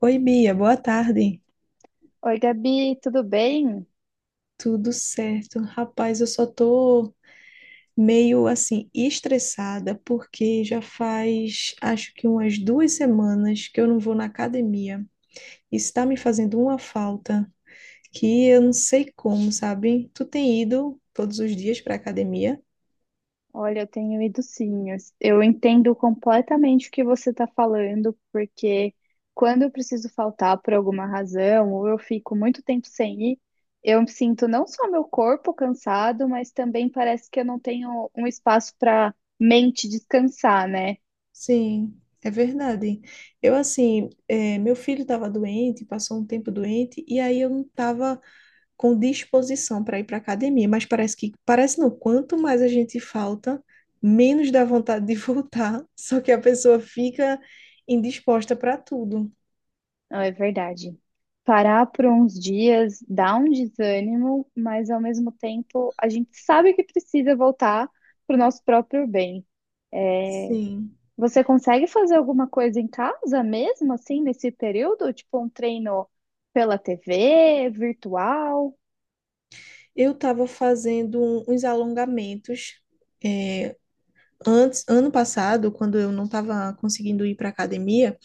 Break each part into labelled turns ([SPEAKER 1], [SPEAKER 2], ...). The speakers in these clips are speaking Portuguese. [SPEAKER 1] Oi, Bia, boa tarde.
[SPEAKER 2] Oi, Gabi, tudo bem?
[SPEAKER 1] Tudo certo? Rapaz, eu só tô meio assim estressada porque já faz acho que umas 2 semanas que eu não vou na academia. Isso tá me fazendo uma falta que eu não sei como, sabe? Tu tem ido todos os dias pra academia?
[SPEAKER 2] Olha, eu tenho ido sim. Eu entendo completamente o que você está falando, porque quando eu preciso faltar por alguma razão, ou eu fico muito tempo sem ir, eu sinto não só meu corpo cansado, mas também parece que eu não tenho um espaço para mente descansar, né?
[SPEAKER 1] Sim, é verdade. Eu assim, meu filho estava doente, passou um tempo doente, e aí eu não estava com disposição para ir para a academia, mas parece que, parece não, quanto mais a gente falta, menos dá vontade de voltar, só que a pessoa fica indisposta para tudo.
[SPEAKER 2] Não, é verdade. Parar por uns dias dá um desânimo, mas ao mesmo tempo a gente sabe que precisa voltar para o nosso próprio bem.
[SPEAKER 1] Sim.
[SPEAKER 2] Você consegue fazer alguma coisa em casa mesmo, assim, nesse período? Tipo um treino pela TV, virtual?
[SPEAKER 1] Eu estava fazendo uns alongamentos, é, antes, ano passado, quando eu não estava conseguindo ir para academia,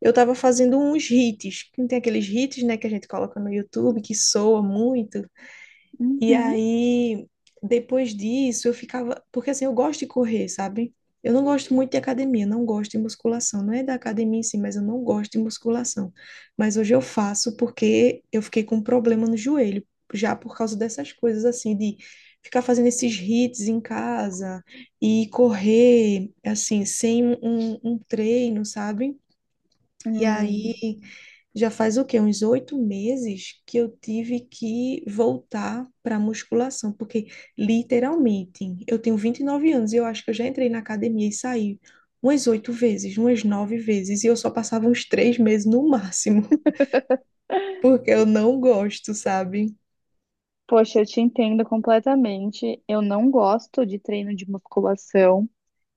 [SPEAKER 1] eu estava fazendo uns hits. Tem aqueles hits, né, que a gente coloca no YouTube que soa muito. E
[SPEAKER 2] Uhum.
[SPEAKER 1] aí, depois disso, eu ficava. Porque assim, eu gosto de correr, sabe? Eu não gosto muito de academia, não gosto de musculação. Não é da academia em si, mas eu não gosto de musculação. Mas hoje eu faço porque eu fiquei com um problema no joelho, já por causa dessas coisas, assim, de ficar fazendo esses hits em casa e correr, assim, sem um treino, sabe? E
[SPEAKER 2] Hum.
[SPEAKER 1] aí já faz o quê? Uns 8 meses que eu tive que voltar para musculação, porque literalmente eu tenho 29 anos e eu acho que eu já entrei na academia e saí umas oito vezes, umas nove vezes, e eu só passava uns 3 meses no máximo, porque eu não gosto, sabe?
[SPEAKER 2] Poxa, eu te entendo completamente. Eu não gosto de treino de musculação.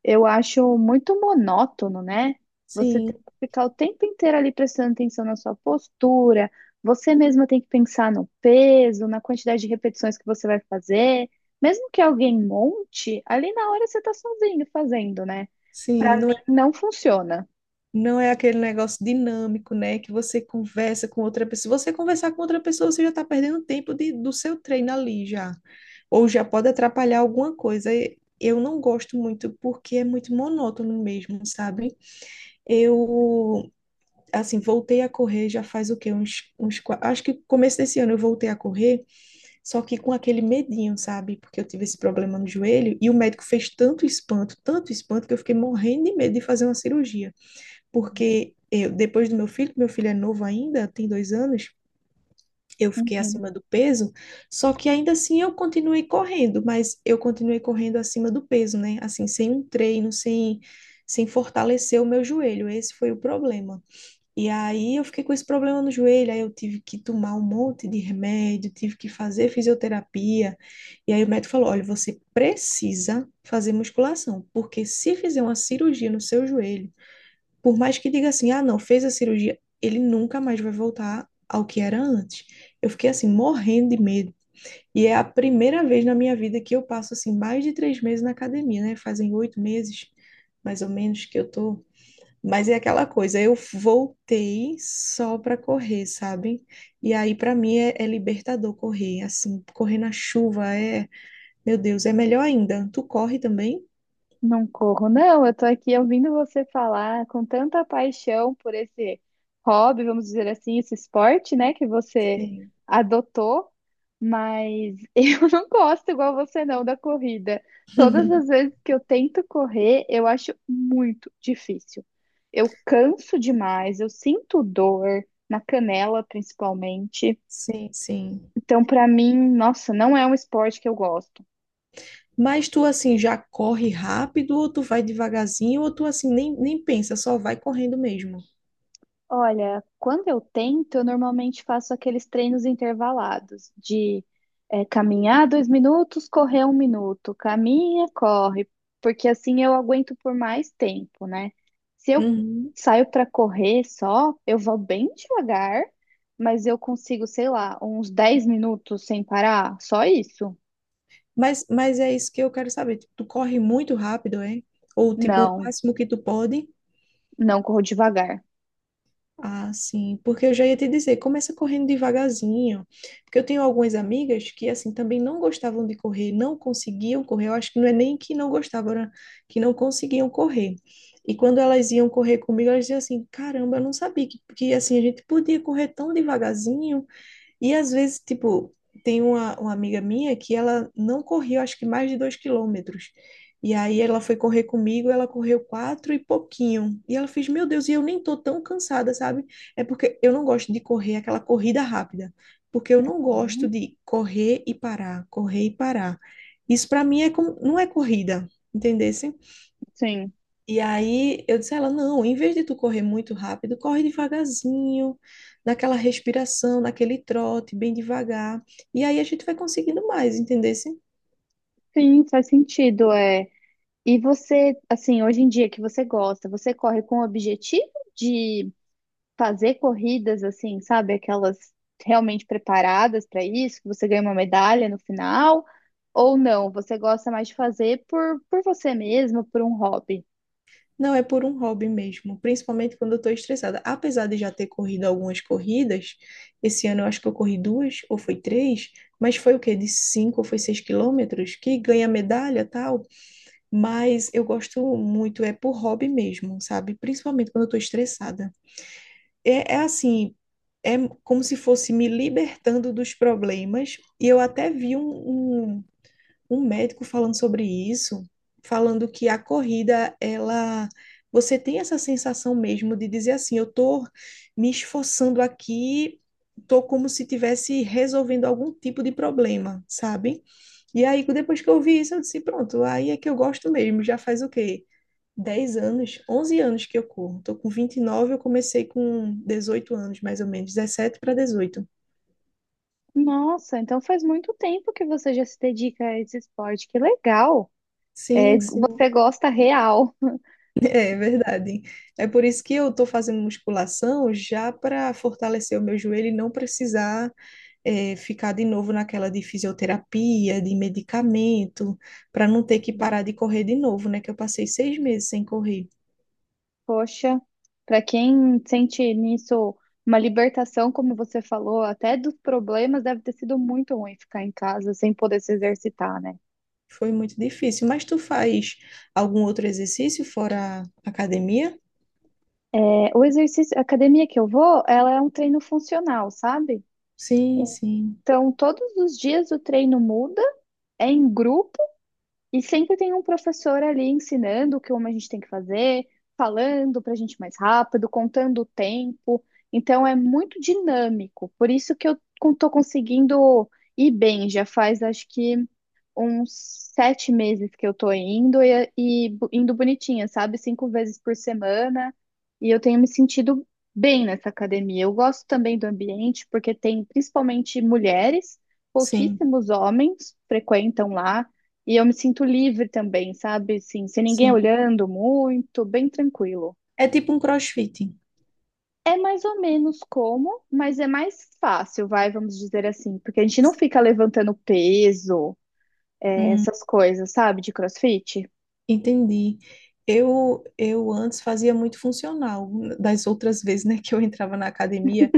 [SPEAKER 2] Eu acho muito monótono, né? Você tem
[SPEAKER 1] Sim,
[SPEAKER 2] que ficar o tempo inteiro ali prestando atenção na sua postura, você mesma tem que pensar no peso, na quantidade de repetições que você vai fazer. Mesmo que alguém monte, ali na hora você tá sozinho fazendo, né? Pra
[SPEAKER 1] sim, não
[SPEAKER 2] mim
[SPEAKER 1] é,
[SPEAKER 2] não funciona.
[SPEAKER 1] não é aquele negócio dinâmico, né? Que você conversa com outra pessoa. Se você conversar com outra pessoa, você já está perdendo tempo do seu treino ali já. Ou já pode atrapalhar alguma coisa. E eu não gosto muito porque é muito monótono mesmo, sabe? Eu, assim, voltei a correr já faz o quê? Acho que começo desse ano eu voltei a correr, só que com aquele medinho, sabe? Porque eu tive esse problema no joelho e o médico fez tanto espanto que eu fiquei morrendo de medo de fazer uma cirurgia, porque eu, depois do meu filho é novo ainda, tem 2 anos. Eu fiquei
[SPEAKER 2] Uhum.
[SPEAKER 1] acima do peso, só que ainda assim eu continuei correndo, mas eu continuei correndo acima do peso, né? Assim, sem um treino, sem fortalecer o meu joelho. Esse foi o problema. E aí eu fiquei com esse problema no joelho, aí eu tive que tomar um monte de remédio, tive que fazer fisioterapia. E aí o médico falou: olha, você precisa fazer musculação, porque se fizer uma cirurgia no seu joelho, por mais que diga assim, ah, não, fez a cirurgia, ele nunca mais vai voltar ao que era antes. Eu fiquei assim, morrendo de medo. E é a primeira vez na minha vida que eu passo assim mais de 3 meses na academia, né? Fazem 8 meses, mais ou menos, que eu tô. Mas é aquela coisa, eu voltei só para correr, sabe? E aí para mim é libertador correr, assim, correr na chuva é, meu Deus, é melhor ainda. Tu corre também?
[SPEAKER 2] Não corro, não. Eu tô aqui ouvindo você falar com tanta paixão por esse hobby, vamos dizer assim, esse esporte, né, que você
[SPEAKER 1] Sim.
[SPEAKER 2] adotou, mas eu não gosto igual você não da corrida. Todas as vezes que eu tento correr, eu acho muito difícil. Eu canso demais, eu sinto dor na canela, principalmente.
[SPEAKER 1] Sim, sim.
[SPEAKER 2] Então, pra mim, nossa, não é um esporte que eu gosto.
[SPEAKER 1] Mas tu assim já corre rápido, ou tu vai devagarzinho, ou tu assim nem pensa, só vai correndo mesmo.
[SPEAKER 2] Olha, quando eu tento, eu normalmente faço aqueles treinos intervalados de caminhar 2 minutos, correr 1 minuto, caminha, corre, porque assim eu aguento por mais tempo, né? Se eu
[SPEAKER 1] Uhum.
[SPEAKER 2] saio para correr só, eu vou bem devagar, mas eu consigo, sei lá, uns 10 minutos sem parar, só isso?
[SPEAKER 1] Mas é isso que eu quero saber. Tipo, tu corre muito rápido, é? Ou tipo, o
[SPEAKER 2] Não,
[SPEAKER 1] máximo que tu pode?
[SPEAKER 2] não corro devagar.
[SPEAKER 1] Ah, sim, porque eu já ia te dizer, começa correndo devagarzinho, porque eu tenho algumas amigas que, assim, também não gostavam de correr, não conseguiam correr, eu acho que não é nem que não gostavam, era que não conseguiam correr, e quando elas iam correr comigo, elas diziam assim, caramba, eu não sabia que assim, a gente podia correr tão devagarzinho, e às vezes, tipo, tem uma amiga minha que ela não correu, acho que mais de 2 quilômetros. E aí ela foi correr comigo, ela correu quatro e pouquinho. E ela fez, meu Deus, e eu nem tô tão cansada, sabe? É porque eu não gosto de correr aquela corrida rápida, porque eu não gosto
[SPEAKER 2] Uhum.
[SPEAKER 1] de correr e parar, correr e parar. Isso para mim é como, não é corrida, entendeu?
[SPEAKER 2] Sim,
[SPEAKER 1] E aí eu disse a ela, não, em vez de tu correr muito rápido, corre devagarzinho, naquela respiração, naquele trote, bem devagar. E aí a gente vai conseguindo mais, entendesse?
[SPEAKER 2] sim, faz sentido. É. E você, assim, hoje em dia que você gosta, você corre com o objetivo de fazer corridas assim, sabe, aquelas realmente preparadas para isso, que você ganha uma medalha no final, ou não? Você gosta mais de fazer por você mesmo, por um hobby?
[SPEAKER 1] Não é por um hobby mesmo, principalmente quando eu estou estressada. Apesar de já ter corrido algumas corridas, esse ano eu acho que eu corri duas ou foi três, mas foi o quê? De 5 ou foi 6 quilômetros, que ganha medalha tal. Mas eu gosto muito, é por hobby mesmo, sabe? Principalmente quando eu estou estressada. É, assim, é como se fosse me libertando dos problemas. E eu até vi um médico falando sobre isso, falando que a corrida, ela. Você tem essa sensação mesmo de dizer assim, eu tô me esforçando aqui, tô como se tivesse resolvendo algum tipo de problema, sabe? E aí, depois que eu vi isso, eu disse, pronto, aí é que eu gosto mesmo, já faz o quê? 10 anos, 11 anos que eu corro. Tô com 29, eu comecei com 18 anos, mais ou menos, 17 para 18.
[SPEAKER 2] Nossa, então faz muito tempo que você já se dedica a esse esporte, que legal! É,
[SPEAKER 1] Sim, sim,
[SPEAKER 2] você gosta real.
[SPEAKER 1] é verdade. É por isso que eu tô fazendo musculação já para fortalecer o meu joelho e não precisar ficar de novo naquela de fisioterapia, de medicamento, para não ter que parar de correr de novo, né? Que eu passei 6 meses sem correr.
[SPEAKER 2] Poxa, para quem sente nisso uma libertação, como você falou, até dos problemas, deve ter sido muito ruim ficar em casa sem poder se exercitar, né?
[SPEAKER 1] Foi muito difícil. Mas tu faz algum outro exercício fora a academia?
[SPEAKER 2] É, o exercício, a academia que eu vou, ela é um treino funcional, sabe?
[SPEAKER 1] Sim, sim,
[SPEAKER 2] Então, todos os dias o treino muda, é em grupo. E sempre tem um professor ali ensinando o que como a gente tem que fazer, falando para a gente mais rápido, contando o tempo. Então é muito dinâmico. Por isso que eu estou conseguindo ir bem. Já faz acho que uns 7 meses que eu estou indo e indo bonitinha, sabe? 5 vezes por semana. E eu tenho me sentido bem nessa academia. Eu gosto também do ambiente, porque tem principalmente mulheres,
[SPEAKER 1] sim.
[SPEAKER 2] pouquíssimos homens frequentam lá. E eu me sinto livre também, sabe? Assim, sem ninguém
[SPEAKER 1] Sim.
[SPEAKER 2] olhando muito, bem tranquilo.
[SPEAKER 1] É tipo um CrossFit.
[SPEAKER 2] É mais ou menos como, mas é mais fácil, vai, vamos dizer assim, porque a gente não fica levantando peso,
[SPEAKER 1] Hum,
[SPEAKER 2] essas coisas, sabe, de CrossFit.
[SPEAKER 1] entendi. Eu antes fazia muito funcional, das outras vezes, né, que eu entrava na academia.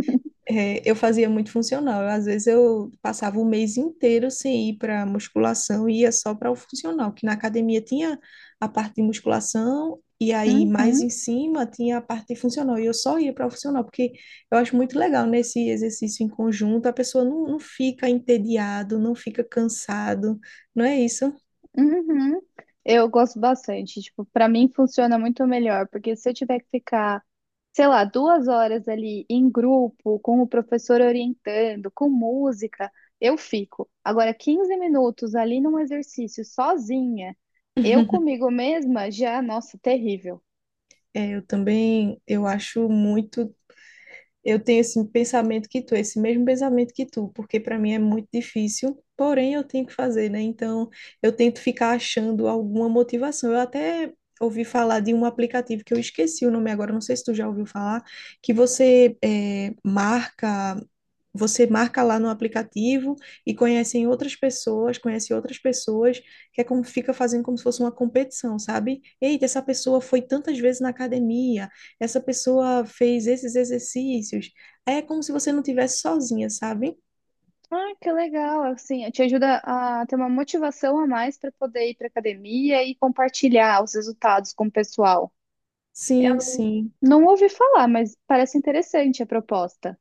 [SPEAKER 1] É, eu fazia muito funcional. Às vezes eu passava o mês inteiro sem ir para musculação e ia só para o funcional, que na academia tinha a parte de musculação e aí mais
[SPEAKER 2] Uhum.
[SPEAKER 1] em cima tinha a parte de funcional. E eu só ia para o funcional, porque eu acho muito legal nesse exercício em conjunto, a pessoa não, não fica entediado, não fica cansado, não é isso?
[SPEAKER 2] Uhum. Eu gosto bastante. Tipo, para mim funciona muito melhor, porque se eu tiver que ficar, sei lá, 2 horas ali em grupo, com o professor orientando, com música, eu fico. Agora, 15 minutos ali num exercício sozinha, eu comigo mesma, já, nossa, terrível.
[SPEAKER 1] É, eu também. Eu acho muito Eu tenho esse pensamento que tu, esse mesmo pensamento que tu, porque para mim é muito difícil, porém eu tenho que fazer, né? Então eu tento ficar achando alguma motivação. Eu até ouvi falar de um aplicativo que eu esqueci o nome agora, não sei se tu já ouviu falar, que você marca. Você marca lá no aplicativo e conhecem outras pessoas, conhece outras pessoas, que é como fica fazendo como se fosse uma competição, sabe? Eita, essa pessoa foi tantas vezes na academia, essa pessoa fez esses exercícios. Aí é como se você não tivesse sozinha, sabe?
[SPEAKER 2] Ah, que legal, assim, te ajuda a ter uma motivação a mais para poder ir para academia e compartilhar os resultados com o pessoal.
[SPEAKER 1] Sim, sim.
[SPEAKER 2] Não ouvi falar, mas parece interessante a proposta.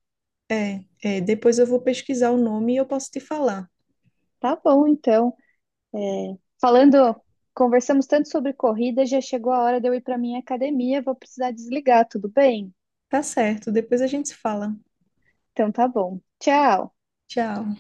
[SPEAKER 1] É, é. Depois eu vou pesquisar o nome e eu posso te falar.
[SPEAKER 2] Tá bom, então. É, falando, conversamos tanto sobre corrida, já chegou a hora de eu ir para minha academia, vou precisar desligar, tudo bem?
[SPEAKER 1] Tá certo, depois a gente se fala.
[SPEAKER 2] Então tá bom. Tchau.
[SPEAKER 1] Tchau.